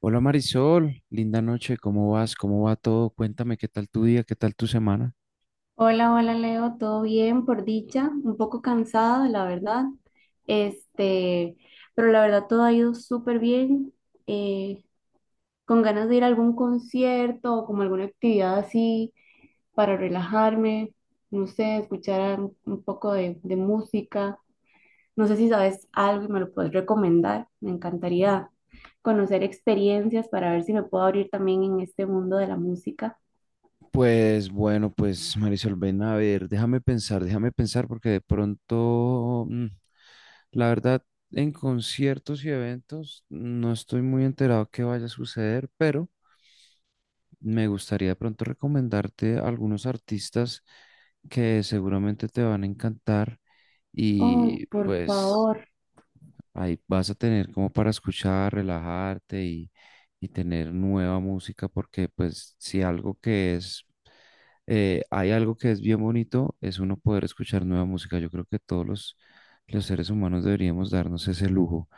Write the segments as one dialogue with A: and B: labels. A: Hola Marisol, linda noche, ¿cómo vas? ¿Cómo va todo? Cuéntame qué tal tu día, qué tal tu semana.
B: Hola, hola Leo, todo bien por dicha, un poco cansada, la verdad, este, pero la verdad todo ha ido súper bien, eh, con ganas de ir a algún concierto o como alguna actividad así para relajarme, no sé, escuchar un poco de música, no sé si sabes algo y me lo puedes recomendar, me encantaría conocer experiencias para ver si me puedo abrir también en este mundo de la música.
A: Pues bueno, pues Marisol, ven a ver, déjame pensar porque de pronto, la verdad, en conciertos y eventos no estoy muy enterado qué vaya a suceder, pero me gustaría de pronto recomendarte algunos artistas que seguramente te van a encantar
B: Oh,
A: y
B: por
A: pues
B: favor,
A: ahí vas a tener como para escuchar, relajarte y tener nueva música, porque pues si algo que es, hay algo que es bien bonito, es uno poder escuchar nueva música. Yo creo que los seres humanos deberíamos darnos ese lujo.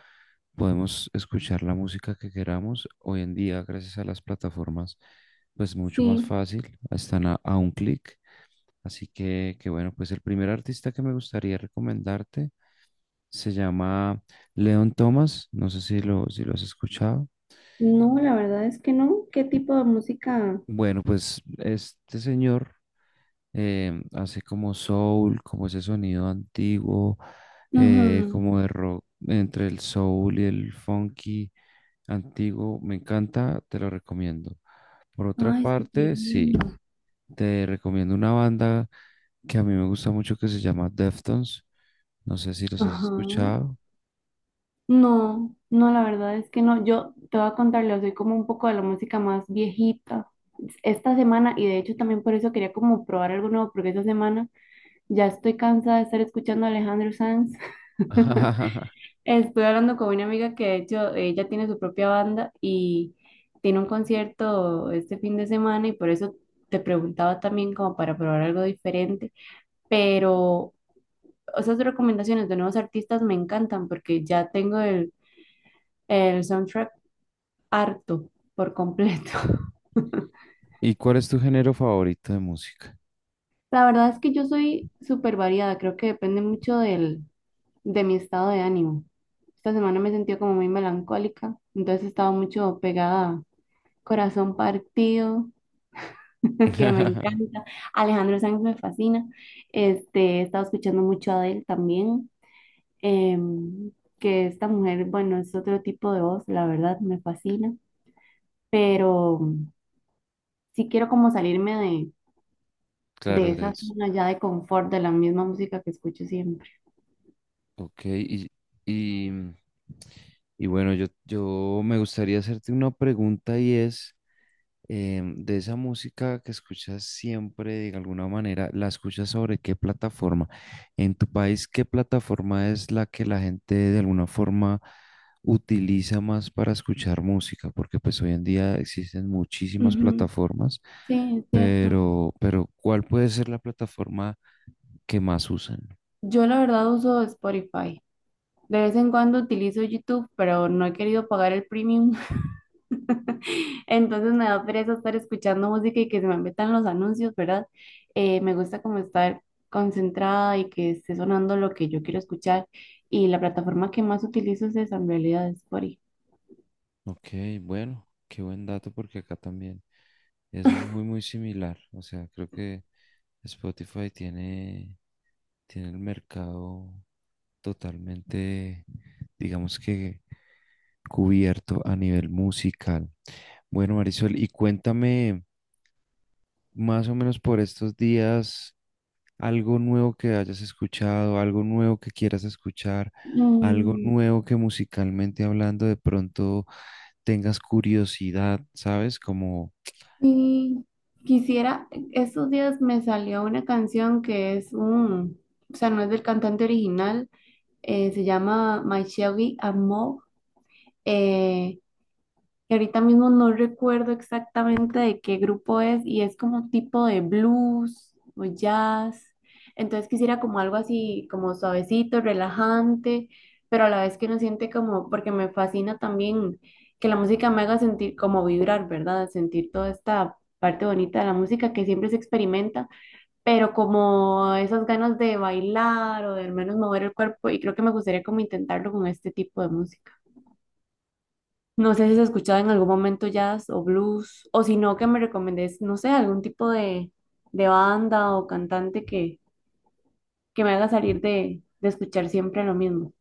A: Podemos escuchar la música que queramos. Hoy en día, gracias a las plataformas, pues mucho más
B: sí.
A: fácil, están a un clic. Así que bueno, pues el primer artista que me gustaría recomendarte. Se llama Leon Thomas, no sé si lo has escuchado.
B: No, la verdad es que no. ¿Qué tipo de música?
A: Bueno, pues este señor hace como soul, como ese sonido antiguo,
B: Ujú.
A: como de rock, entre el soul y el funky antiguo. Me encanta, te lo recomiendo. Por otra
B: Ay, súper
A: parte,
B: bien.
A: sí, te recomiendo una banda que a mí me gusta mucho que se llama Deftones. No sé si los has
B: Ajá.
A: escuchado.
B: No, no, la verdad es que no. Yo te voy a contarle, soy como un poco de la música más viejita. Esta semana, y de hecho también por eso quería como probar algo nuevo, porque esta semana ya estoy cansada de estar escuchando a Alejandro Sanz. Estuve hablando con una amiga que de hecho ella tiene su propia banda y tiene un concierto este fin de semana y por eso te preguntaba también como para probar algo diferente. Pero esas recomendaciones de nuevos artistas me encantan porque ya tengo el soundtrack harto por completo.
A: ¿Y cuál es tu género favorito de música?
B: La verdad es que yo soy súper variada, creo que depende mucho de mi estado de ánimo. Esta semana me sentí como muy melancólica, entonces estaba mucho pegada a Corazón Partido que me encanta. Alejandro Sanz me fascina. He estado escuchando mucho a Adele también, em, que esta mujer, bueno, es otro tipo de voz, la verdad, me fascina. Pero sí quiero como salirme de
A: Claro,
B: esa
A: es.
B: zona ya de confort, de la misma música que escucho siempre.
A: Ok, y, y bueno, yo me gustaría hacerte una pregunta y es, de esa música que escuchas siempre, de alguna manera, ¿la escuchas sobre qué plataforma? En tu país, ¿qué plataforma es la que la gente de alguna forma utiliza más para escuchar música? Porque pues hoy en día existen muchísimas
B: Ujú.
A: plataformas,
B: Sí, es cierto.
A: pero, ¿cuál puede ser la plataforma que más usan?
B: Yo la verdad uso Spotify. De vez en cuando utilizo YouTube, pero no he querido pagar el premium. Entonces me da pereza estar escuchando música y que se me metan los anuncios, ¿verdad? Me gusta como estar concentrada y que esté sonando lo que yo quiero escuchar. Y la plataforma que más utilizo es esa, en realidad, es Spotify.
A: Ok, bueno, qué buen dato porque acá también es muy, muy similar. O sea, creo que Spotify tiene, tiene el mercado totalmente, digamos que cubierto a nivel musical. Bueno, Marisol, y cuéntame más o menos por estos días algo nuevo que hayas escuchado, algo nuevo que quieras escuchar, algo
B: Mm,
A: nuevo que musicalmente hablando de pronto tengas curiosidad, ¿sabes? Como,
B: y quisiera, estos días me salió una canción que es o sea, no es del cantante original, se llama My Shelby Amor, que ahorita mismo no recuerdo exactamente de qué grupo es y es como tipo de blues o jazz. Entonces quisiera como algo así, como suavecito, relajante, pero a la vez que uno siente como, porque me fascina también que la música me haga sentir como vibrar, ¿verdad? Sentir toda esta parte bonita de la música que siempre se experimenta, pero como esas ganas de bailar o de al menos mover el cuerpo y creo que me gustaría como intentarlo con este tipo de música. No sé si has escuchado en algún momento jazz o blues, o si no, que me recomendés, no sé, algún tipo de banda o cantante que me haga salir de escuchar siempre lo mismo.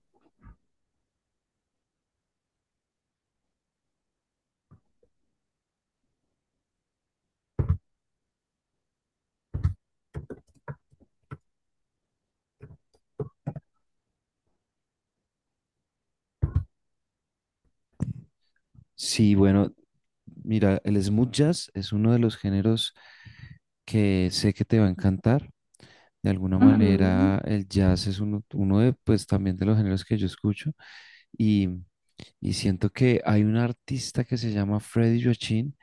A: sí, bueno, mira, el smooth jazz es uno de los géneros que sé que te va a encantar. De alguna
B: Ujú,
A: manera, el jazz es uno de, pues, también de los géneros que yo escucho y, siento que hay un artista que se llama Freddy Joachim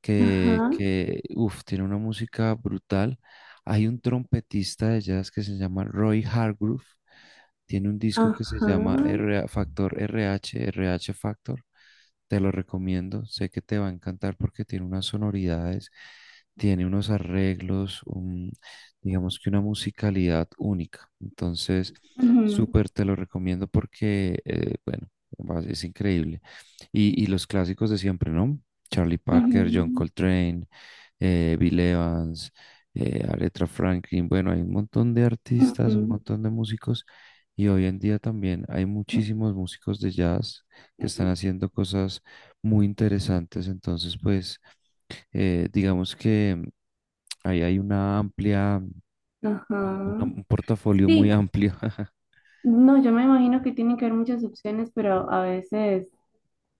B: ajá,
A: que uf, tiene una música brutal. Hay un trompetista de jazz que se llama Roy Hargrove, tiene un disco que se
B: ajá,
A: llama R- Factor R H R H Factor. Te lo recomiendo, sé que te va a encantar porque tiene unas sonoridades, tiene unos arreglos, digamos que una musicalidad única. Entonces,
B: ujú,
A: súper te lo recomiendo porque, bueno, es increíble. Y, los clásicos de siempre, ¿no? Charlie Parker, John
B: ujú,
A: Coltrane, Bill Evans, Aretha Franklin. Bueno, hay un montón de
B: ujú,
A: artistas, un montón de músicos. Y hoy en día también hay muchísimos músicos de jazz que están haciendo cosas muy interesantes. Entonces, pues, digamos que ahí hay una amplia,
B: ajá.
A: un portafolio muy
B: Sí,
A: amplio.
B: no, yo me imagino que tienen que haber muchas opciones, pero a veces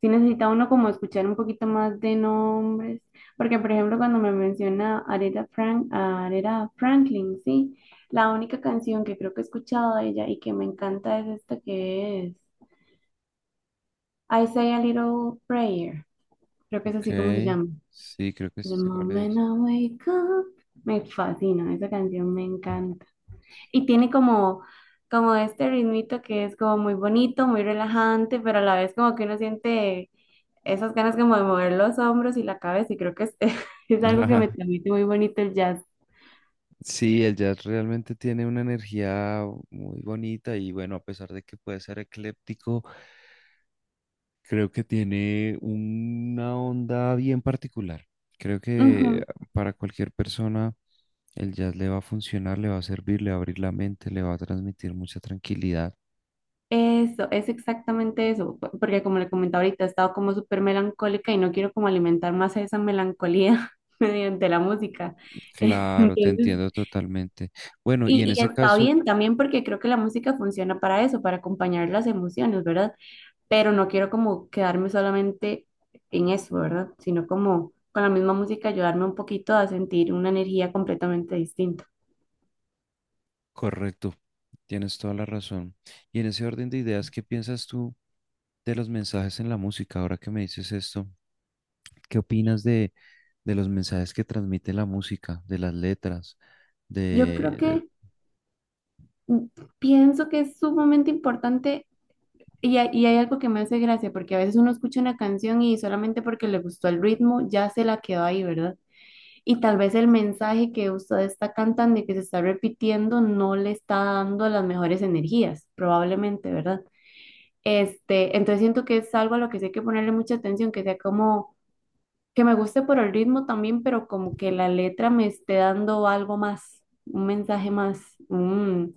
B: sí necesita uno como escuchar un poquito más de nombres, porque por ejemplo cuando me menciona a Aretha Franklin, sí, la única canción que creo que he escuchado de ella y que me encanta es esta que es I Say a Little Prayer, creo que es
A: Ok,
B: así como se llama.
A: sí, creo que
B: The
A: sí sé cuál
B: moment
A: es.
B: I wake up, me fascina, esa canción me encanta. Y tiene como este ritmito que es como muy bonito, muy relajante, pero a la vez como que uno siente esas ganas como de mover los hombros y la cabeza, y creo que es, es algo que me
A: Ajá,
B: transmite muy bonito el jazz.
A: sí, el jazz realmente tiene una energía muy bonita y bueno, a pesar de que puede ser ecléptico, creo que tiene una onda bien particular. Creo que
B: Ujú.
A: para cualquier persona el jazz le va a funcionar, le va a servir, le va a abrir la mente, le va a transmitir mucha tranquilidad.
B: Eso, es exactamente eso, porque como le comentaba ahorita, he estado como súper melancólica y no quiero como alimentar más esa melancolía mediante la música.
A: Claro, te
B: Entonces,
A: entiendo totalmente. Bueno, y en
B: y
A: ese
B: está
A: caso,
B: bien también porque creo que la música funciona para eso, para acompañar las emociones, ¿verdad? Pero no quiero como quedarme solamente en eso, ¿verdad? Sino como con la misma música ayudarme un poquito a sentir una energía completamente distinta.
A: correcto, tienes toda la razón. Y en ese orden de ideas, ¿qué piensas tú de los mensajes en la música? Ahora que me dices esto, ¿qué opinas de los mensajes que transmite la música, de las letras,
B: Yo creo
A: de, de-
B: que mm, pienso que es sumamente importante y hay algo que me hace gracia, porque a veces uno escucha una canción y solamente porque le gustó el ritmo ya se la quedó ahí, ¿verdad? Y tal vez el mensaje que usted está cantando y que se está repitiendo no le está dando las mejores energías, probablemente, ¿verdad? Entonces siento que es algo a lo que sí hay que ponerle mucha atención, que sea como que me guste por el ritmo también, pero como que la letra me esté dando algo más, un mensaje más. mm,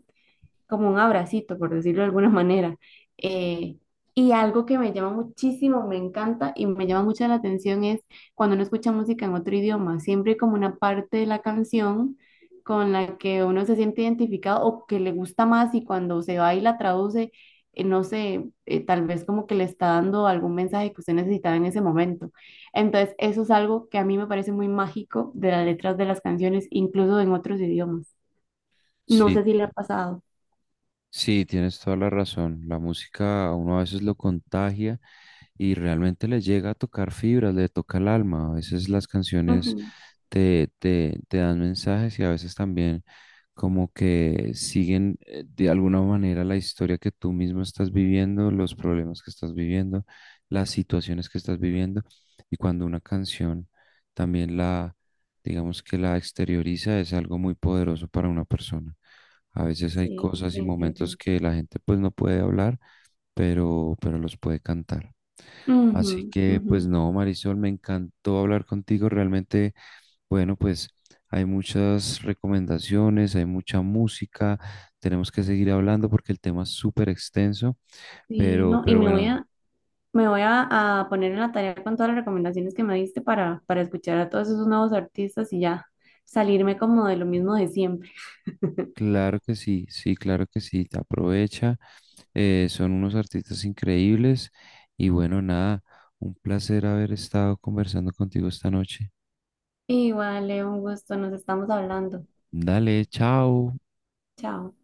B: como un abracito, por decirlo de alguna manera. Eh, y algo que me llama muchísimo, me encanta y me llama mucho la atención es cuando uno escucha música en otro idioma, siempre hay como una parte de la canción con la que uno se siente identificado o que le gusta más y cuando se va y la traduce, no sé, tal vez como que le está dando algún mensaje que usted necesitaba en ese momento. Entonces, eso es algo que a mí me parece muy mágico de las letras de las canciones, incluso en otros idiomas. No
A: sí,
B: sé si le ha pasado.
A: sí, tienes toda la razón. La música a uno a veces lo contagia y realmente le llega a tocar fibras, le toca el alma. A veces las canciones te dan mensajes y a veces también como que siguen de alguna manera la historia que tú mismo estás viviendo, los problemas que estás viviendo, las situaciones que estás viviendo. Y cuando una canción también digamos que la exterioriza, es algo muy poderoso para una persona. A veces hay
B: Sí,
A: cosas y momentos
B: definitivamente.
A: que la gente pues no puede hablar, pero, los puede cantar. Así
B: Ujú,
A: que
B: ujú.
A: pues no, Marisol, me encantó hablar contigo. Realmente, bueno, pues hay muchas recomendaciones, hay mucha música. Tenemos que seguir hablando porque el tema es súper extenso,
B: Sí,
A: pero,
B: no,
A: bueno,
B: me voy a poner en la tarea con todas las recomendaciones que me diste para escuchar a todos esos nuevos artistas y ya salirme como de lo mismo de siempre.
A: claro que sí, sí, claro que sí, te aprovecha. Son unos artistas increíbles y bueno, nada, un placer haber estado conversando contigo esta noche.
B: Igual, Leo, un gusto, nos estamos hablando.
A: Dale, chao.
B: Chao.